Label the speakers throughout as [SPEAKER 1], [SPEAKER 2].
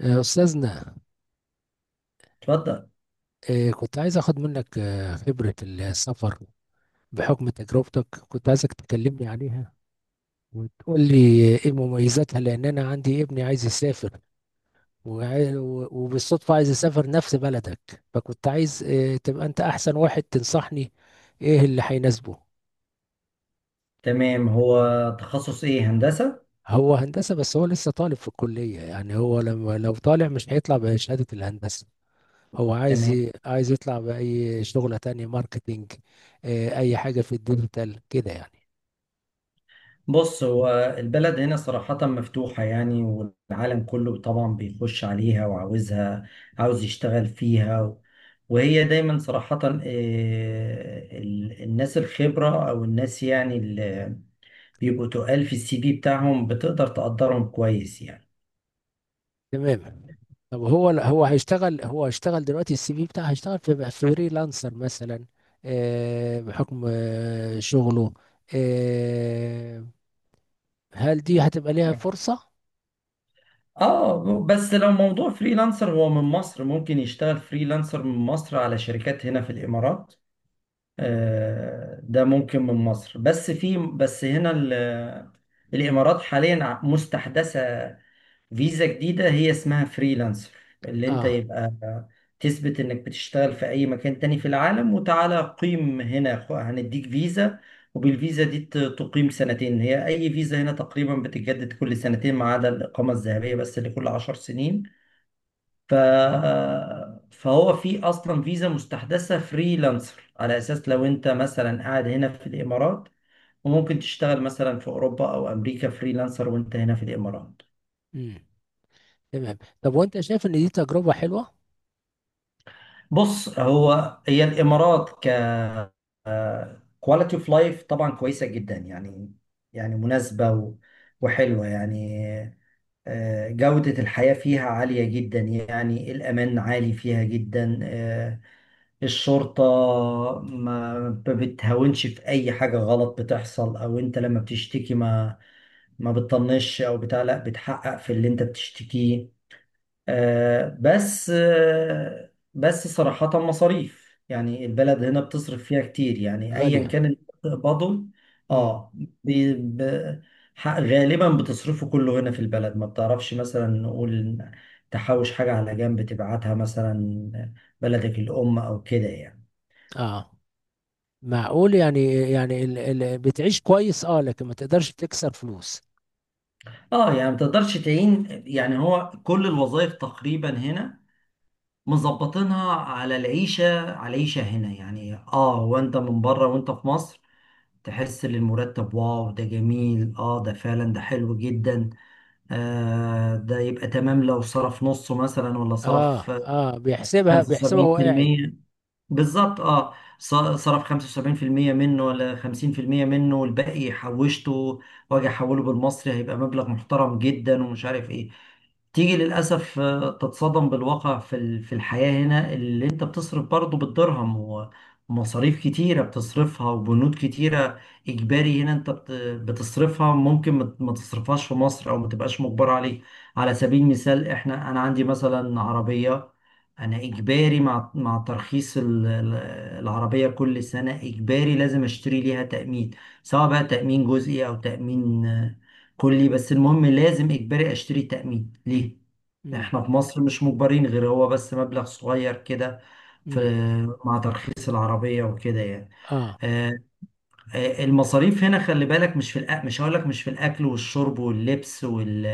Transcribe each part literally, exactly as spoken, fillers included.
[SPEAKER 1] آه، أستاذنا.
[SPEAKER 2] اتفضل.
[SPEAKER 1] آه، كنت عايز أخد منك آه، خبرة السفر بحكم تجربتك، كنت عايزك تكلمني عليها وتقول لي إيه مميزاتها، لأن أنا عندي ابني عايز يسافر، وعاي- و- وبالصدفة عايز يسافر نفس بلدك. فكنت عايز آه، تبقى أنت أحسن واحد تنصحني إيه اللي هيناسبه.
[SPEAKER 2] تمام، هو تخصص ايه؟ هندسة.
[SPEAKER 1] هو هندسة، بس هو لسه طالب في الكلية. يعني هو لما لو طالع مش هيطلع بشهادة الهندسة. هو عايز
[SPEAKER 2] تمام،
[SPEAKER 1] ي- عايز يطلع بأي شغلة تانية، ماركتينج. آه، أي حاجة في الديجيتال كده يعني.
[SPEAKER 2] بص، هو البلد هنا صراحة مفتوحة يعني، والعالم كله طبعا بيخش عليها وعاوزها، عاوز يشتغل فيها و- وهي دايما صراحة، آه، ال- الناس الخبرة او الناس يعني اللي بيبقوا تقال في السي في بتاعهم بتقدر تقدرهم كويس يعني.
[SPEAKER 1] تمام. طب هو هو هيشتغل هو هيشتغل دلوقتي. السي في بتاعه هيشتغل في فريلانسر مثلا. آه، بحكم آه، شغله. آه، هل دي هتبقى ليها فرصة؟
[SPEAKER 2] اه، بس لو موضوع فريلانسر هو من مصر، ممكن يشتغل فريلانسر من مصر على شركات هنا في الامارات. آه، ده ممكن من مصر، بس في بس هنا ال- الإمارات حاليا ع- مستحدثة فيزا جديدة هي اسمها فريلانسر، اللي انت
[SPEAKER 1] اه.
[SPEAKER 2] يبقى تثبت انك بتشتغل في اي مكان تاني في العالم وتعالى قيم هنا، خ- هنديك فيزا. وبالفيزا دي ت- تقيم سنتين، هي اي فيزا هنا تقريبا بتتجدد كل سنتين ما عدا الإقامة الذهبية بس اللي كل عشر سنين. ف... فهو في اصلا فيزا مستحدثه فريلانسر، على اساس لو انت مثلا قاعد هنا في الامارات وممكن تشتغل مثلا في اوروبا او امريكا فريلانسر وانت هنا في الامارات.
[SPEAKER 1] امم. تمام. طب وانت شايف ان دي تجربة حلوة؟
[SPEAKER 2] بص، هو هي الامارات ككواليتي اوف لايف، طبعا كويسه جدا يعني، يعني مناسبه و... وحلوه يعني. آه، جوده الحياه فيها عاليه جدا يعني، الامان عالي فيها جدا. آه، الشرطة ما ما بتهاونش في أي حاجة غلط بتحصل، أو أنت لما بتشتكي ما ما بتطنش أو بتاع، لا، بتحقق في اللي أنت بتشتكيه. آه بس آه بس صراحة مصاريف، يعني البلد هنا بتصرف فيها كتير يعني، أيا
[SPEAKER 1] غالية.
[SPEAKER 2] كان اللي بتقبضه،
[SPEAKER 1] امم.
[SPEAKER 2] اه بي- ب- ح- غالبا بتصرفه كله هنا في البلد. ما بتعرفش مثلا نقول تحوش حاجة على جنب تبعتها مثلا بلدك الأم أو كده يعني.
[SPEAKER 1] اه، معقول يعني يعني ال ال بتعيش كويس، اه، لكن ما تقدرش تكسر فلوس.
[SPEAKER 2] اه، يعني ما تقدرش تعين، يعني هو كل الوظائف تقريبا هنا مظبطينها على العيشة، على العيشة هنا يعني. اه، وانت من بره وانت في مصر تحس ان المرتب، واو ده جميل، اه ده فعلا، ده حلو جدا. آه ده يبقى تمام لو صرف نصه مثلا ولا
[SPEAKER 1] اه،
[SPEAKER 2] صرف
[SPEAKER 1] اه، بيحسبها بيحسبها وهو قاعد.
[SPEAKER 2] خمسة وسبعين بالمية. بالظبط، اه. ص- صرف خمسة وسبعين في المية منه ولا خمسين في المية منه، والباقي حوشته، واجي احوله بالمصري هيبقى مبلغ محترم جدا، ومش عارف ايه. تيجي للأسف آه، تتصدم بالواقع، في ال- في الحياة هنا اللي انت بتصرف برضه بالدرهم، ومصاريف كتيرة بتصرفها، وبنود كتيرة إجباري هنا انت بت- بتصرفها، ممكن ما ما تصرفهاش في مصر أو ما تبقاش مجبر عليه. على سبيل المثال، احنا أنا عندي مثلا عربية، انا اجباري مع مع ترخيص ال- ال- العربيه كل سنه اجباري لازم اشتري ليها تامين، سواء بقى تامين جزئي او تامين آه، كلي، بس المهم لازم اجباري اشتري تامين ليه.
[SPEAKER 1] امم.
[SPEAKER 2] احنا في مصر مش مجبرين، غير هو بس مبلغ صغير كده في
[SPEAKER 1] امم.
[SPEAKER 2] مع ترخيص العربيه وكده يعني.
[SPEAKER 1] اه.
[SPEAKER 2] آه، آه، المصاريف هنا خلي بالك، مش في الأ... مش هقول لك مش في الاكل والشرب واللبس وال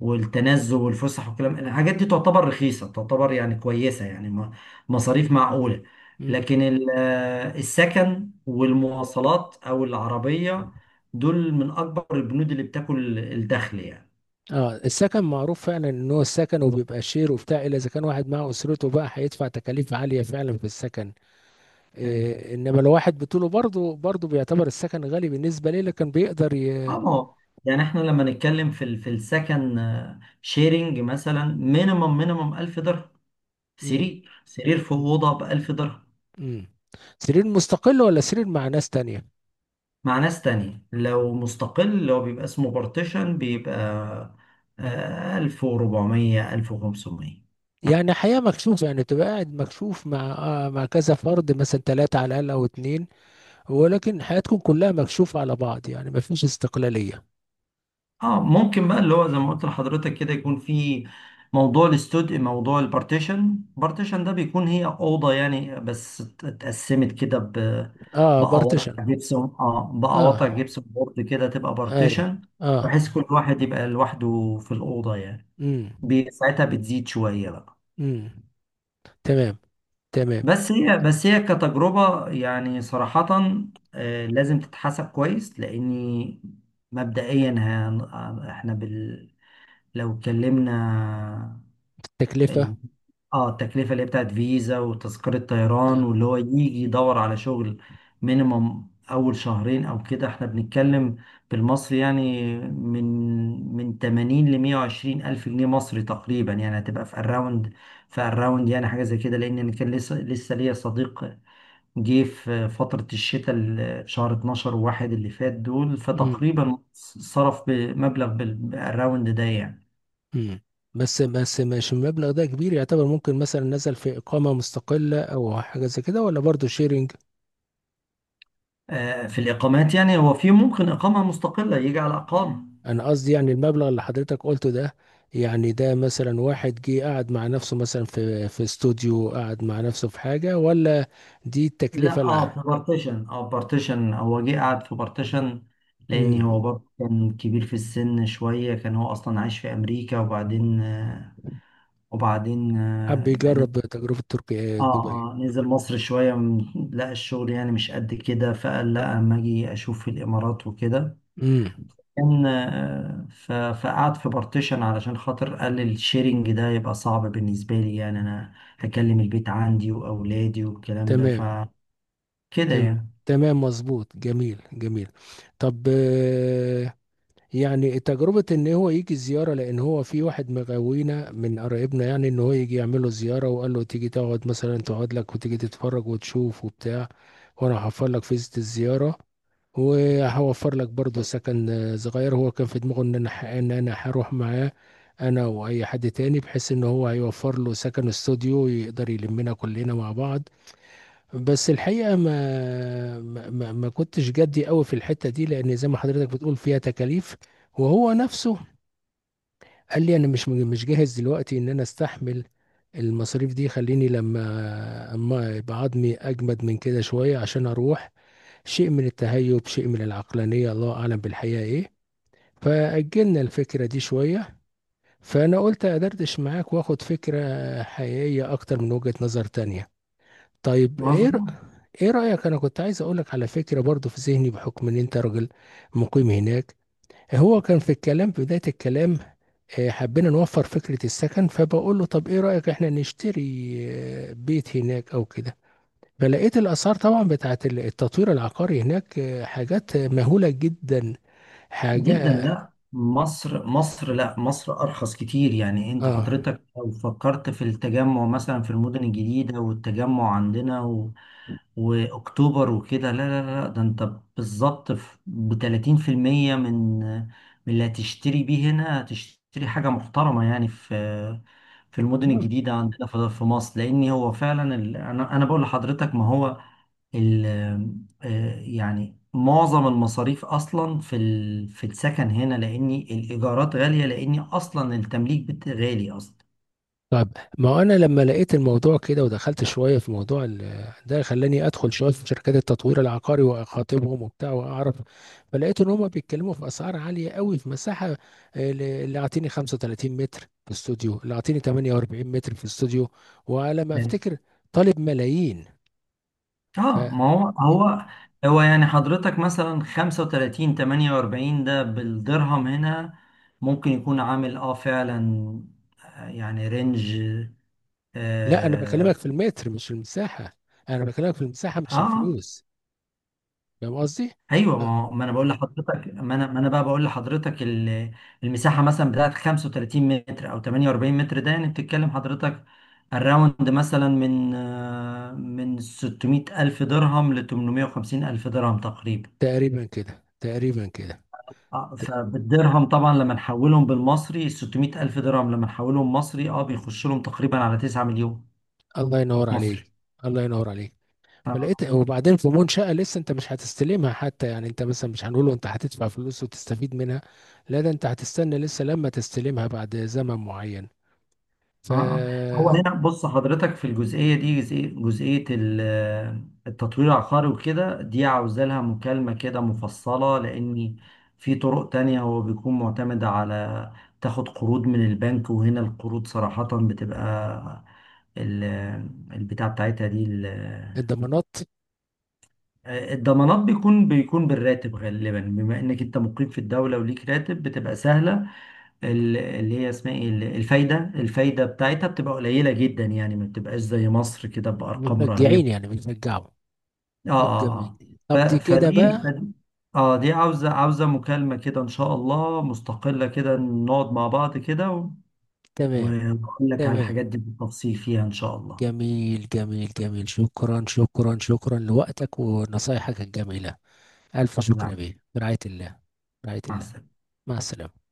[SPEAKER 2] والتنزه والفسح والكلام، الحاجات دي تعتبر رخيصة، تعتبر يعني كويسة، يعني م- مصاريف معقولة.
[SPEAKER 1] امم.
[SPEAKER 2] لكن ال- آه، السكن والمواصلات أو العربية، دول من أكبر البنود اللي بتاكل الدخل يعني.
[SPEAKER 1] اه، السكن معروف فعلا ان هو السكن، وبيبقى شير وبتاع، الا اذا كان واحد مع اسرته بقى، هيدفع تكاليف عاليه فعلا في السكن.
[SPEAKER 2] يعني
[SPEAKER 1] إيه، انما لو واحد بطوله برضه برضه بيعتبر السكن غالي بالنسبه ليه، لكن بيقدر ي...
[SPEAKER 2] اه ما هو- يعني احنا لما نتكلم في ال- في السكن شيرنج مثلا، مينيمم مينيمم ألف درهم،
[SPEAKER 1] مم.
[SPEAKER 2] سرير سرير في أوضة ب ألف درهم.
[SPEAKER 1] مم. سرير مستقل ولا سرير مع ناس تانية؟
[SPEAKER 2] مع ناس تانية، لو مستقل اللي هو بيبقى اسمه بارتيشن، بيبقى آه، ألف وربعمية، ألف وخمسمية.
[SPEAKER 1] يعني حياه مكشوف، يعني تبقى قاعد مكشوف مع آه مع كذا فرد مثلا، ثلاثه على الاقل او اتنين. ولكن حياتكم كلها مكشوفة على بعض، يعني ما فيش استقلالية.
[SPEAKER 2] اه، ممكن بقى اللي هو زي ما قلت لحضرتك كده، يكون في موضوع الاستوديو، موضوع البارتيشن. بارتيشن ده بيكون هي أوضة يعني، بس ات- اتقسمت كده ب
[SPEAKER 1] اه، بارتيشن.
[SPEAKER 2] بقواطع جبسون، اه، بقواطع
[SPEAKER 1] اه.
[SPEAKER 2] جبسون بورد كده، تبقى
[SPEAKER 1] ايوه.
[SPEAKER 2] بارتيشن،
[SPEAKER 1] اه.
[SPEAKER 2] بحيث كل واحد يبقى لوحده في الأوضة يعني.
[SPEAKER 1] امم.
[SPEAKER 2] بي- ساعتها بتزيد شوية بقى.
[SPEAKER 1] امم. تمام. تمام.
[SPEAKER 2] بس هي بس هي كتجربة يعني، صراحة آه، لازم تتحسب كويس، لأني مبدئيا هن- آه، احنا بال... لو اتكلمنا ال-
[SPEAKER 1] تكلفة.
[SPEAKER 2] اه التكلفة اللي هي بتاعت فيزا وتذكرة طيران واللي هو يجي يدور على شغل، مينيمم أول شهرين أو كده، احنا بنتكلم بالمصري يعني، من من تمانين ل مية وعشرين ألف جنيه مصري تقريبا، يعني هتبقى في الراوند، في الراوند، يعني حاجة زي كده. لأن أنا كان لسه لسه ليا صديق جه في فترة الشتاء، ال- شهر اتناشر وواحد اللي فات دول،
[SPEAKER 1] امم.
[SPEAKER 2] فتقريبا صرف بمبلغ بال- بالراوند ده يعني.
[SPEAKER 1] امم. بس بس، مش المبلغ ده كبير يعتبر؟ ممكن مثلا نزل في إقامة مستقلة أو حاجة زي كده، ولا برضه شيرنج؟
[SPEAKER 2] آه، في الإقامات يعني، هو في ممكن إقامة مستقلة يجي على إقامة.
[SPEAKER 1] أنا قصدي يعني المبلغ اللي حضرتك قلته ده، يعني ده مثلا واحد جه قعد مع نفسه مثلا في في استوديو، قعد مع نفسه في حاجة، ولا دي التكلفة
[SPEAKER 2] لا،
[SPEAKER 1] اللي...
[SPEAKER 2] اه، في بارتيشن، اه بارتيشن، هو جه قعد في بارتيشن لأن هو
[SPEAKER 1] امم.
[SPEAKER 2] برضه كان كبير في السن شوية، كان هو أصلا عايش في أمريكا وبعدين آه، وبعدين
[SPEAKER 1] حب
[SPEAKER 2] آه،
[SPEAKER 1] يجرب تجربة تركيا
[SPEAKER 2] اه
[SPEAKER 1] دبي.
[SPEAKER 2] اه نزل مصر شوية، م- لقى الشغل يعني مش قد كده، فقال لا اما اجي اشوف في الامارات وكده،
[SPEAKER 1] امم.
[SPEAKER 2] كان آه، ف- فقعد في بارتيشن علشان خاطر قال الشيرنج ده يبقى صعب بالنسبة لي، يعني انا هكلم البيت عندي واولادي والكلام ده
[SPEAKER 1] تمام.
[SPEAKER 2] فكده
[SPEAKER 1] تمام.
[SPEAKER 2] يعني.
[SPEAKER 1] تمام مظبوط، جميل جميل. طب آه، يعني تجربة ان هو يجي زيارة، لان هو في واحد مغاوينا من قرايبنا، يعني ان هو يجي يعمل له زيارة، وقال له تيجي تقعد مثلا، تقعد لك وتيجي تتفرج وتشوف وبتاع. وانا هوفر لك فيزة الزيارة، وهوفر لك برضه سكن آه، صغير. هو كان في دماغه ان انا ح- ان انا هروح معاه، انا واي حد تاني، بحيث ان هو هيوفر له سكن استوديو يقدر يلمنا كلنا مع بعض. بس الحقيقة ما ما ما ما كنتش جدي قوي في الحتة دي، لأن زي ما حضرتك بتقول فيها تكاليف. وهو نفسه قال لي أنا مش مش جاهز دلوقتي إن أنا أستحمل المصاريف دي. خليني لما أما يبقى عظمي أجمد من كده شوية عشان أروح. شيء من التهيب، شيء من العقلانية، الله أعلم بالحقيقة إيه. فأجلنا الفكرة دي شوية. فأنا قلت أدردش معاك وآخد فكرة حقيقية أكتر من وجهة نظر تانية. طيب إيه؟
[SPEAKER 2] مظبوط
[SPEAKER 1] ايه رأيك؟ انا كنت عايز اقولك على فكرة برضو في ذهني، بحكم ان انت راجل مقيم هناك. هو كان في الكلام، في بداية الكلام آه، حبينا نوفر فكرة السكن. فبقول له طب ايه رأيك احنا نشتري آه، بيت هناك او كده. فلقيت الاسعار طبعا بتاعت ال- التطوير العقاري هناك، آه، حاجات مهولة جدا،
[SPEAKER 2] جدا.
[SPEAKER 1] حاجة.
[SPEAKER 2] لا، مصر مصر، لا، مصر أرخص كتير يعني. أنت
[SPEAKER 1] اه.
[SPEAKER 2] حضرتك لو فكرت في التجمع مثلا في المدن الجديدة، والتجمع عندنا و... وأكتوبر وكده، لا لا لا، ده أنت بالظبط ب تلاتين بالمية من من اللي هتشتري بيه هنا، هتشتري حاجة محترمة يعني في في المدن الجديدة عندنا في في مصر. لأن هو فعلا ال... أنا أنا بقول لحضرتك، ما هو ال آه، يعني معظم المصاريف اصلا في ال- في السكن هنا، لاني الايجارات غاليه، لاني اصلا التمليك بت- غالي اصلا.
[SPEAKER 1] طيب ما هو انا لما لقيت الموضوع كده، ودخلت شويه في موضوع ال- ده، خلاني ادخل شويه في شركات التطوير العقاري واخاطبهم وبتاع واعرف. فلقيت ان هم بيتكلموا في اسعار عاليه قوي في مساحه. آه، اللي اعطيني خمسة وتلاتين متر في استوديو، اللي اعطيني تمنية وأربعين متر في استوديو، وعلى ما افتكر طالب ملايين. ف...
[SPEAKER 2] اه، ما هو هو هو يعني حضرتك مثلا خمسة وتلاتين تمنية واربعين، ده بالدرهم هنا ممكن يكون عامل اه، فعلا، آه، يعني رينج،
[SPEAKER 1] لا، انا بكلمك
[SPEAKER 2] اه,
[SPEAKER 1] في المتر مش في المساحه، انا بكلمك في المساحه مش
[SPEAKER 2] آه
[SPEAKER 1] الفلوس. فاهم قصدي؟
[SPEAKER 2] ايوه.
[SPEAKER 1] آه،
[SPEAKER 2] ما هو- ما انا بقول لحضرتك ما انا ما انا بقى بقول لحضرتك، ال- المساحه مثلا بتاعت 35 متر او 48 متر، ده يعني بتتكلم حضرتك، الراوند مثلا من آه، من ستمية الف درهم الف درهم ل ثمانمائة وخمسين ألف درهم الف درهم تقريبا.
[SPEAKER 1] تقريبا كده، تقريبا كده.
[SPEAKER 2] آه، فبالدرهم طبعا لما نحولهم بالمصري ستمية الف درهم الف درهم، لما نحولهم مصري، اه، بيخش لهم تقريبا على 9 مليون
[SPEAKER 1] الله ينور عليك،
[SPEAKER 2] مصري.
[SPEAKER 1] الله ينور عليك. فلقيت وبعدين في منشأة لسه انت مش هتستلمها حتى، يعني انت مثلا مش هنقوله انت هتدفع فلوس وتستفيد منها. لا، ده انت هتستنى لسه لما تستلمها بعد زمن معين،
[SPEAKER 2] اه. آه. هو
[SPEAKER 1] فالضمانات.
[SPEAKER 2] هنا، بص حضرتك، في الجزئيه دي، جزئيه جزئيه ال- التطوير العقاري وكده، دي عاوزه لها مكالمه كده مفصله، لان في طرق تانية هو بيكون معتمد على تاخد قروض من البنك. وهنا القروض صراحه، بتبقى ال- البتاع بتاعتها دي ال- الضمانات، بيكون بيكون بالراتب غالبا، بما انك انت مقيم في الدوله وليك راتب، بتبقى سهله. ال- اللي هي اسمها ايه، ال- الفايده. الفايده بتاعتها بتبقى قليله جدا يعني، ما بتبقاش زي مصر كده بارقام
[SPEAKER 1] مشجعين
[SPEAKER 2] رهيبه.
[SPEAKER 1] يعني، بيشجعوا.
[SPEAKER 2] اه،
[SPEAKER 1] طب
[SPEAKER 2] اه.
[SPEAKER 1] جميل،
[SPEAKER 2] اه
[SPEAKER 1] طب دي
[SPEAKER 2] ف-
[SPEAKER 1] كده
[SPEAKER 2] فدي
[SPEAKER 1] بقى.
[SPEAKER 2] فدي اه، دي عاوزه عاوزه مكالمه كده ان شاء الله مستقله، كده نقعد مع بعض كده و-
[SPEAKER 1] تمام.
[SPEAKER 2] واقول لك على
[SPEAKER 1] تمام.
[SPEAKER 2] الحاجات دي بالتفصيل فيها ان شاء الله.
[SPEAKER 1] جميل جميل جميل، شكرا شكرا شكرا لوقتك ونصايحك الجميلة. ألف شكر يا
[SPEAKER 2] نعم.
[SPEAKER 1] بيه، برعاية الله. برعاية
[SPEAKER 2] مع
[SPEAKER 1] الله.
[SPEAKER 2] السلامه.
[SPEAKER 1] مع السلامة.